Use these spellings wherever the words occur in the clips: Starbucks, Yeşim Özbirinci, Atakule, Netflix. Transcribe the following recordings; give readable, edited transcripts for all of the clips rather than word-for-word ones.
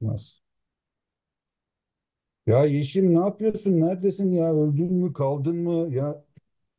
Nasıl? Ya Yeşim ne yapıyorsun? Neredesin ya? Öldün mü? Kaldın mı? Ya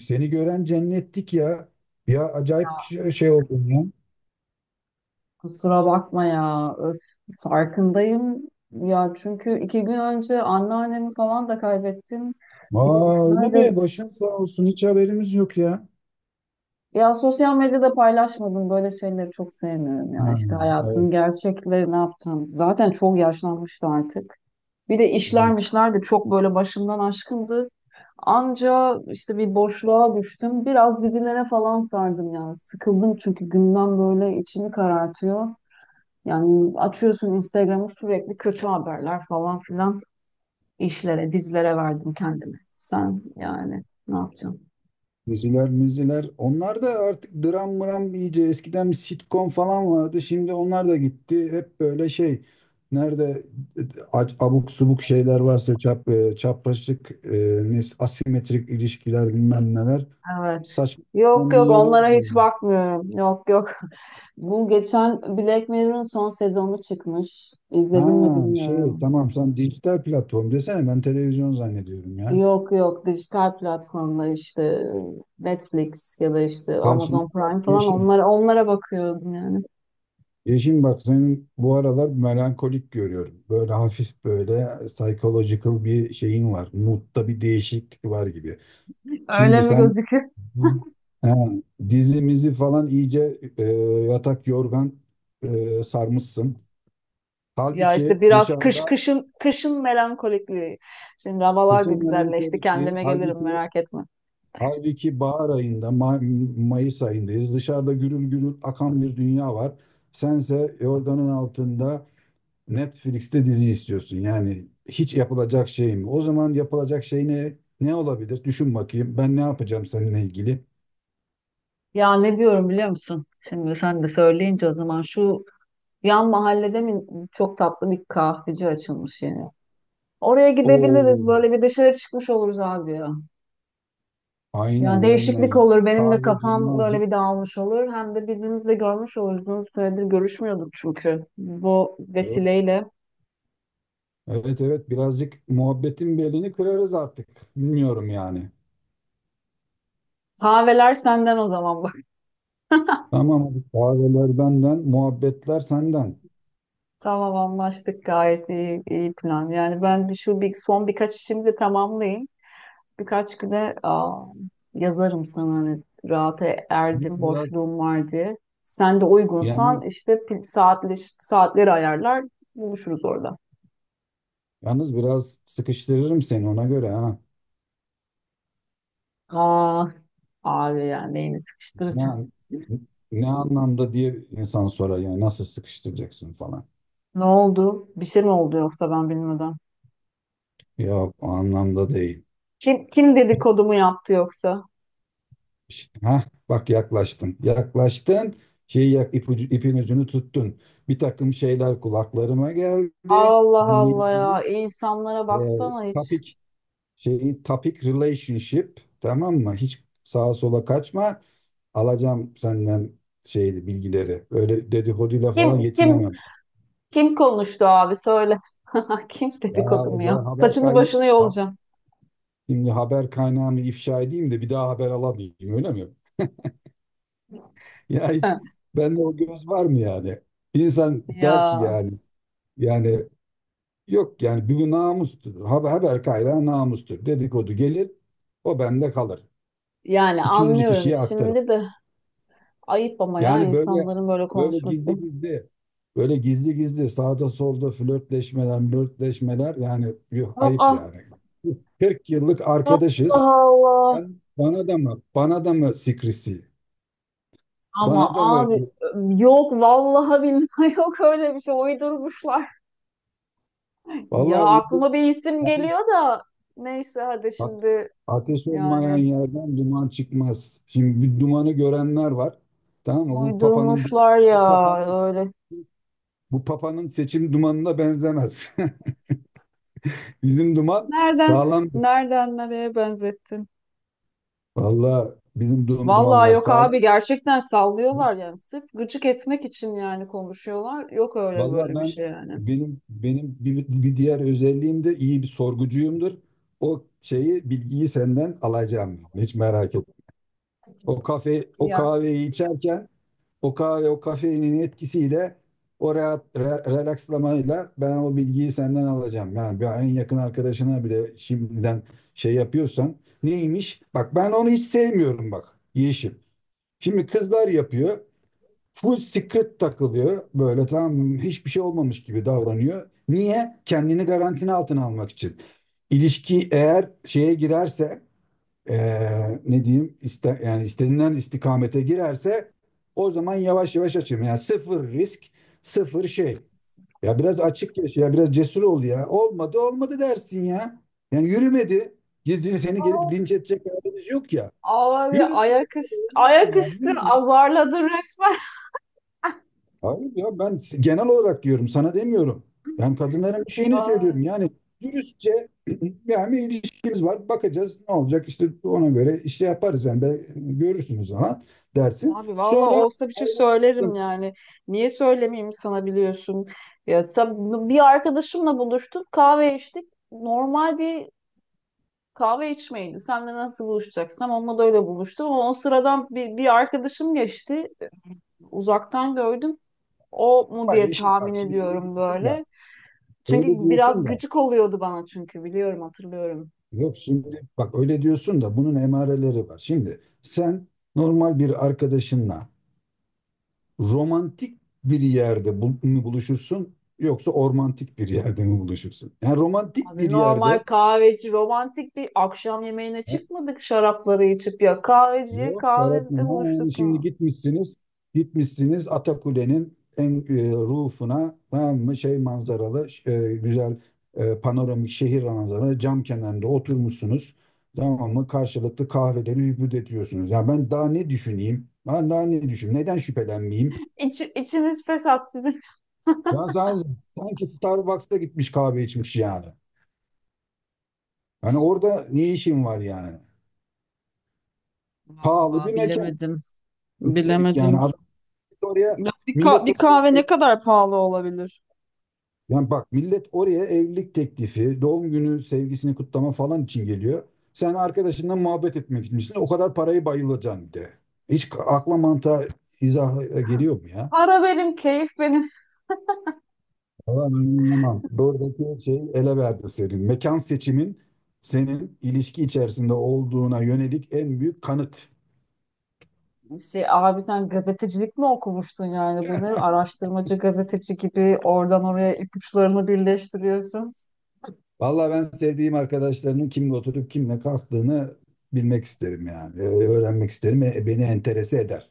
seni gören cennettik ya. Ya acayip Ya şey oldun ya. Kusura bakma ya. Öf, farkındayım. Ya çünkü iki gün önce anneannemi falan da kaybettim. Bir de Aa öyle işler de- mi? Başın sağ olsun. Hiç haberimiz yok ya. Ya sosyal medyada paylaşmadım. Böyle şeyleri çok sevmiyorum ya. Ha, İşte evet, hayatın gerçekleri ne yapacağım. Zaten çok yaşlanmıştı artık. Bir de evet. işlermişler de çok böyle başımdan aşkındı. Anca işte bir boşluğa düştüm. Biraz dizilere falan sardım yani. Sıkıldım çünkü gündem böyle içimi karartıyor. Yani açıyorsun Instagram'ı sürekli kötü haberler falan filan işlere, dizilere verdim kendimi. Sen yani ne yapacaksın? Diziler, müziler. Onlar da artık dram mram iyice. Eskiden bir sitcom falan vardı. Şimdi onlar da gitti. Hep böyle şey. Nerede e, abuk subuk şeyler varsa çapraşık, asimetrik ilişkiler bilmem neler. Evet. Saçma Yok sapan bir yok yöne onlara hiç gidiyorum. bakmıyorum. Yok yok. Bu geçen Black Mirror'ın son sezonu çıkmış. Ha İzledin mi bilmiyorum. tamam, sen dijital platform desene, ben televizyon zannediyorum ya. Yok yok dijital platformlar işte Netflix ya da işte Ya şimdi Amazon bak Prime falan Yeşim. onlara bakıyordum yani. Yeşim bak, senin bu aralar melankolik görüyorum. Böyle hafif böyle psychological bir şeyin var. Mood'da bir değişiklik var gibi. Öyle Şimdi mi sen gözüküyor? ha, dizimizi falan iyice yatak yorgan sarmışsın. Ya Halbuki işte biraz kış dışarıda kışın melankolikliği. Şimdi havalar da kesin güzelleşti. melankolik değil. Kendime gelirim Halbuki merak etme. Halbuki bahar ayında, Mayıs ayındayız. Dışarıda gürül gürül akan bir dünya var. Sense yorganın altında Netflix'te dizi istiyorsun. Yani hiç yapılacak şey mi? O zaman yapılacak şey ne olabilir? Düşün bakayım. Ben ne yapacağım seninle ilgili? Ya ne diyorum biliyor musun? Şimdi sen de söyleyince o zaman şu yan mahallede mi çok tatlı bir kahveci açılmış yeni. Oraya gidebiliriz. Oo, Böyle bir dışarı çıkmış oluruz abi ya. Yani aynen değişiklik aynen. olur. Benim de Sadece kafam böyle mavci. bir dağılmış olur. Hem de birbirimizi de görmüş oluruz. Uzun süredir görüşmüyorduk çünkü. Bu Evet, vesileyle. evet, evet. Birazcık muhabbetin belini kırarız artık. Bilmiyorum yani. Kahveler senden o zaman. Tamam, hadi kahveler benden, muhabbetler senden. Tamam anlaştık, gayet iyi, iyi plan. Yani ben son birkaç işimi de tamamlayayım. Birkaç güne yazarım sana hani rahata Yalnız erdim, Biraz boşluğum var diye. Sen de uygunsan yani işte saatleri ayarlar buluşuruz orada. Yalnız biraz sıkıştırırım seni ona göre ha. Aa, abi yani neyini sıkıştıracağım. Ne, ne anlamda diye insan sorar yani, nasıl sıkıştıracaksın falan. Ne oldu? Bir şey mi oldu yoksa ben bilmeden? Yok, o anlamda değil. Kim dedikodumu yaptı yoksa? İşte, ha, bak yaklaştın. Yaklaştın. İpin ucunu tuttun. Bir takım şeyler kulaklarıma geldi. Allah Seninle Allah, ya ilgili insanlara e, baksana hiç. topic topic relationship, tamam mı? Hiç sağa sola kaçma. Alacağım senden bilgileri. Öyle dedikoduyla falan Kim kim yetinemem. Kim konuştu abi, söyle. Kim Ya dedikodu mu ya? ben haber Saçını kaynağı başını yolacağım. şimdi haber kaynağını ifşa edeyim de bir daha haber alamayayım, öyle mi? Ya hiç bende o göz var mı yani? İnsan der ki Ya yani, yani yok yani, bu namustur. Haber kaynağı namustur. Dedikodu gelir, o bende kalır. yani Üçüncü anlıyorum kişiye aktarım. şimdi de ayıp ama ya Yani insanların böyle böyle konuşması. gizli gizli böyle gizli gizli sağda solda flörtleşmeler yani, yuh, ayıp Aa, yani. 40 yıllık Allah arkadaşız. Allah. Bana da mı? Bana da mı sikrisi? Ama Bana da mı? abi yok, vallahi billahi, yok öyle bir şey, uydurmuşlar. Ya Vallahi uydum. aklıma bir isim Ateş, geliyor da neyse hadi a- şimdi, ateş olmayan yani yerden duman çıkmaz. Şimdi bir dumanı görenler var. Tamam mı? Uydurmuşlar bu ya papanın öyle. bu papanın seçim dumanına benzemez. Bizim duman Nereden sağlamdır. nereden nereye benzettin? Vallahi bizim Vallahi dumanlar yok sağlam. abi, gerçekten sallıyorlar yani. Sırf gıcık etmek için yani konuşuyorlar. Yok öyle Vallahi böyle bir ben şey yani. benim benim bir diğer özelliğim de iyi bir sorgucuyumdur. O bilgiyi senden alacağım. Hiç merak etme. O Ya. kahveyi içerken o kafeinin etkisiyle, o rahat relakslamayla ben o bilgiyi senden alacağım. Yani bir en yakın arkadaşına bile şimdiden şey yapıyorsan neymiş? Bak, ben onu hiç sevmiyorum bak Yeşim. Şimdi kızlar yapıyor. Full secret takılıyor. Böyle tam hiçbir şey olmamış gibi davranıyor. Niye? Kendini garantinin altına almak için. İlişki eğer şeye girerse ne diyeyim iste, yani istenilen istikamete girerse, o zaman yavaş yavaş açayım. Yani sıfır risk, sıfır şey. Ya biraz açık yaşa, ya biraz cesur ol ya. Olmadı, olmadı dersin ya. Yani yürümedi. Gizli, seni gelip linç edecek halimiz yok ya. Abi Yürümedi. ayak üstü, Olmaz mı ayak ya? üstü Yürüme. azarladın resmen. Hayır ya, ben genel olarak diyorum, sana demiyorum. Ben kadınların bir şeyini Ay, söylüyorum. Yani dürüstçe yani bir ilişkimiz var, bakacağız ne olacak, işte ona göre işte yaparız yani, ben görürsünüz ama dersin. abi vallahi Sonra olsa bir şey söylerim ayrılırsın. yani. Niye söylemeyeyim sana, biliyorsun. Ya bir arkadaşımla buluştuk, kahve içtik. Normal bir kahve içmeydi. Sen de nasıl buluşacaksın? Onunla da öyle buluştum ama o sıradan bir arkadaşım geçti. Uzaktan gördüm. O mu Ama diye yeşil tahmin bak şimdi öyle ediyorum diyorsun da böyle. Çünkü öyle biraz diyorsun da gıcık oluyordu bana çünkü biliyorum, hatırlıyorum. yok, şimdi bak, öyle diyorsun da bunun emareleri var. Şimdi sen normal bir arkadaşınla romantik bir yerde bul- mi buluşursun yoksa ormantik bir yerde mi buluşursun? Yani romantik Abi bir normal yerde. kahveci, romantik bir akşam yemeğine Ha, çıkmadık şarapları içip, ya kahveciye, Yok Serap ha, kahvede yani buluştuk ya. şimdi gitmişsiniz Atakule'nin en rufuna, tamam mı, manzaralı, güzel, panoramik şehir manzaralı cam kenarında oturmuşsunuz, tamam mı, karşılıklı kahveleri hübüt ediyorsunuz. Ya ben daha ne düşüneyim? Ben daha ne düşüneyim? Neden şüphelenmeyeyim? İç, içiniz pes sizin. Ya sen- sanki Starbucks'ta gitmiş kahve içmiş yani. Hani orada ne işin var yani? Pahalı Vallahi bir mekan bilemedim. üstelik, yani Bilemedim. adam oraya Ya bir, ka- millet bir oraya kahve ne ev- kadar pahalı olabilir? yani bak, millet oraya evlilik teklifi, doğum günü sevgisini kutlama falan için geliyor. Sen arkadaşınla muhabbet etmek içinsin. O kadar parayı bayılacaksın bir de. Hiç akla mantığa izah geliyor mu ya? Para benim, keyif benim. Valla ben anlamam. Buradaki şey ele verdi senin. Mekan seçimin, senin ilişki içerisinde olduğuna yönelik en büyük kanıt. Şey, abi sen gazetecilik mi okumuştun yani, bunu araştırmacı gazeteci gibi oradan oraya ipuçlarını birleştiriyorsun. Vallahi ben sevdiğim arkadaşlarının kimle oturup kimle kalktığını bilmek isterim yani. Öğrenmek isterim. Beni enterese eder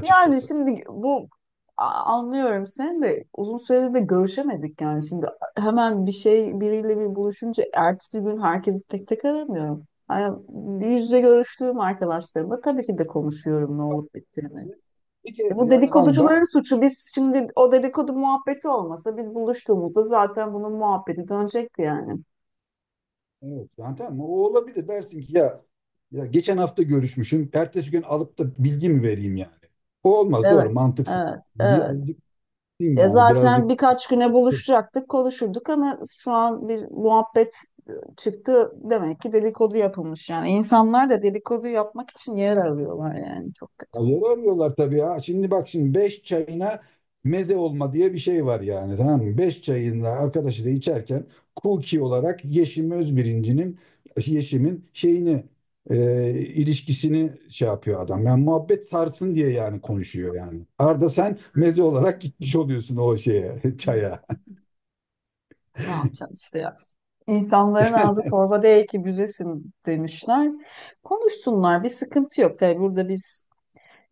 Yani şimdi bu anlıyorum, sen de uzun süredir de görüşemedik yani, şimdi hemen bir şey biriyle bir buluşunca ertesi gün herkesi tek tek aramıyorum. Yani yüz yüze görüştüğüm arkadaşlarımla tabii ki de konuşuyorum ne olup bittiğini. E Peki bu yani lan daha dedikoducuların suçu. Biz şimdi o dedikodu muhabbeti olmasa biz buluştuğumuzda zaten bunun muhabbeti dönecekti yani. evet, yani tamam, o olabilir dersin ki ya, geçen hafta görüşmüşüm. Ertesi gün alıp da bilgi mi vereyim yani? O olmaz, doğru, Evet, mantıksız. evet, Bir evet. azıcık E yani zaten birazcık birkaç güne buluşacaktık, konuşurduk ama şu an bir muhabbet çıktı. Demek ki dedikodu yapılmış yani. İnsanlar da dedikodu yapmak için yer arıyorlar yani. Çok kötü. Ya, yer arıyorlar tabii ya. Şimdi bak, şimdi 5 çayına meze olma diye bir şey var yani, tamam mı? 5 çayında arkadaşı da içerken Kuki olarak Yeşim Özbirinci'nin, Yeşim'in şeyini ilişkisini şey yapıyor adam. Yani muhabbet sarsın diye yani konuşuyor yani. Arda, sen meze olarak gitmiş oluyorsun o şeye, Evet. çaya. Ne yapacaksın işte ya. İnsanların ağzı torba değil ki büzesin demişler. Konuşsunlar, bir sıkıntı yok. Tabii burada biz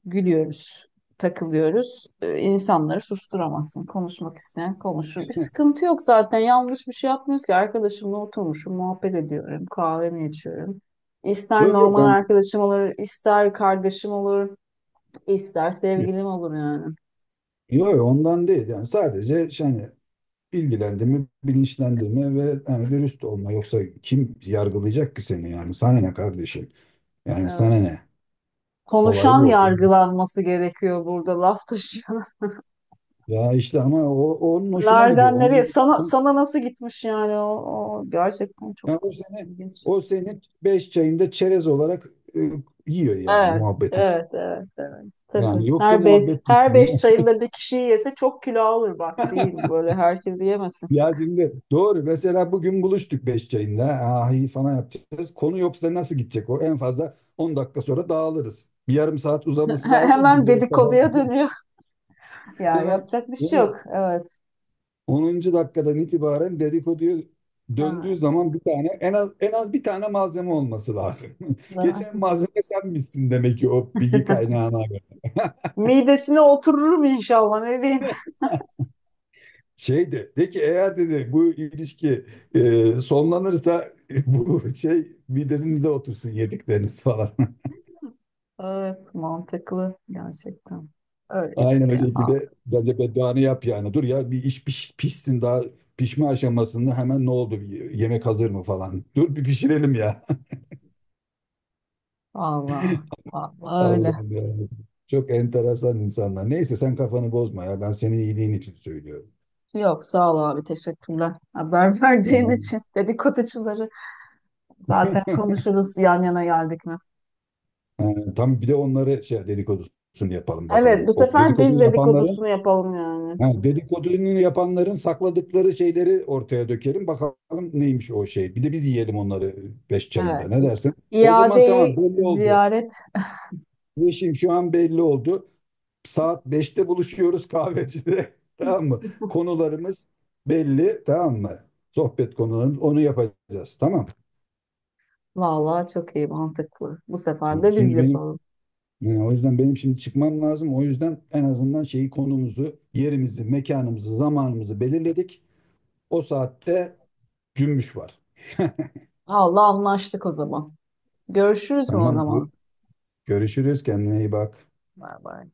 gülüyoruz, takılıyoruz. İnsanları susturamazsın. Konuşmak isteyen konuşur. Bir sıkıntı yok zaten. Yanlış bir şey yapmıyoruz ki. Arkadaşımla oturmuşum, muhabbet ediyorum, kahvemi içiyorum. İster Yok yok normal ben arkadaşım olur, ister kardeşim olur, ister sevgilim olur yani. yok yok, ondan değil, yani sadece şey, hani bilgilendirme, bilinçlendirme ve yani dürüst olma. Yoksa kim yargılayacak ki seni yani? Sana ne kardeşim? Yani Evet. sana ne? Olay Konuşan bu. yargılanması gerekiyor burada, laf taşı. Ya işte ama o, onun hoşuna gidiyor. Nereden nereye? Sana nasıl gitmiş yani, o gerçekten çok Yani ilginç. o seni beş çayında çerez olarak e, yiyor yani Evet, muhabbetin. evet, evet, evet. Tabii. Yani yoksa Her beş, muhabbet her beş gitmiyor. çayında bir kişi yese çok kilo alır bak değil mi? Böyle herkes yemesin. Ya şimdi doğru, mesela bugün buluştuk beş çayında. Ah, iyi falan yapacağız. Konu yoksa nasıl gidecek o? En fazla 10 dakika sonra dağılırız. Bir yarım saat uzaması lazım Hemen ki böyle kafam. dedikoduya dönüyor. Ya Hemen yapacak bir şey onun yok. Evet, 10. dakikadan itibaren dedikoduya döndüğü evet. zaman bir tane, en az bir tane malzeme olması lazım. Geçen Zaten. malzeme sen misin demek ki o bilgi kaynağına göre. Midesine otururum inşallah, ne diyeyim. De ki, eğer dedi bu ilişki sonlanırsa, bu şey midenize otursun, yedikleriniz falan. Evet, mantıklı gerçekten. Öyle Aynen o işte ya. şekilde bence bedduanı yap yani. Dur ya, bir iş pişsin, daha pişme aşamasında hemen ne oldu, bir yemek hazır mı falan. Dur bir pişirelim ya. Allah, Allah öyle. Allah'ım yarabbim. Çok enteresan insanlar. Neyse sen kafanı bozma ya. Ben senin iyiliğin için söylüyorum. Yok sağ ol abi, teşekkürler. Haber verdiğin için, dedikoducuları zaten konuşuruz yan yana geldik mi? Tam bir de onları dedikodusunu yapalım Evet, bu bakalım. O sefer dedikodu biz yapanların, dedikodusunu yapalım yani. ha, dedikodunu yapanların sakladıkları şeyleri ortaya dökelim. Bakalım neymiş o şey. Bir de biz yiyelim onları beş çayında. Evet. Ne İ- dersin? O zaman tamam, İadeyi belli oldu. ziyaret, Bu işim şu an belli oldu. Saat 5'te buluşuyoruz kahvecide. Tamam mı? Konularımız belli. Tamam mı? Sohbet konularımız. Onu yapacağız. Tamam. vallahi çok iyi, mantıklı. Bu sefer Yani de biz Şimdi benim yapalım. yani o yüzden benim şimdi çıkmam lazım. O yüzden en azından şeyi, konumuzu, yerimizi, mekanımızı, zamanımızı belirledik. O saatte cümbüş var. Allah, anlaştık o zaman. Görüşürüz mü o Tamam. zaman? Görüşürüz. Kendine iyi bak. Bay bay.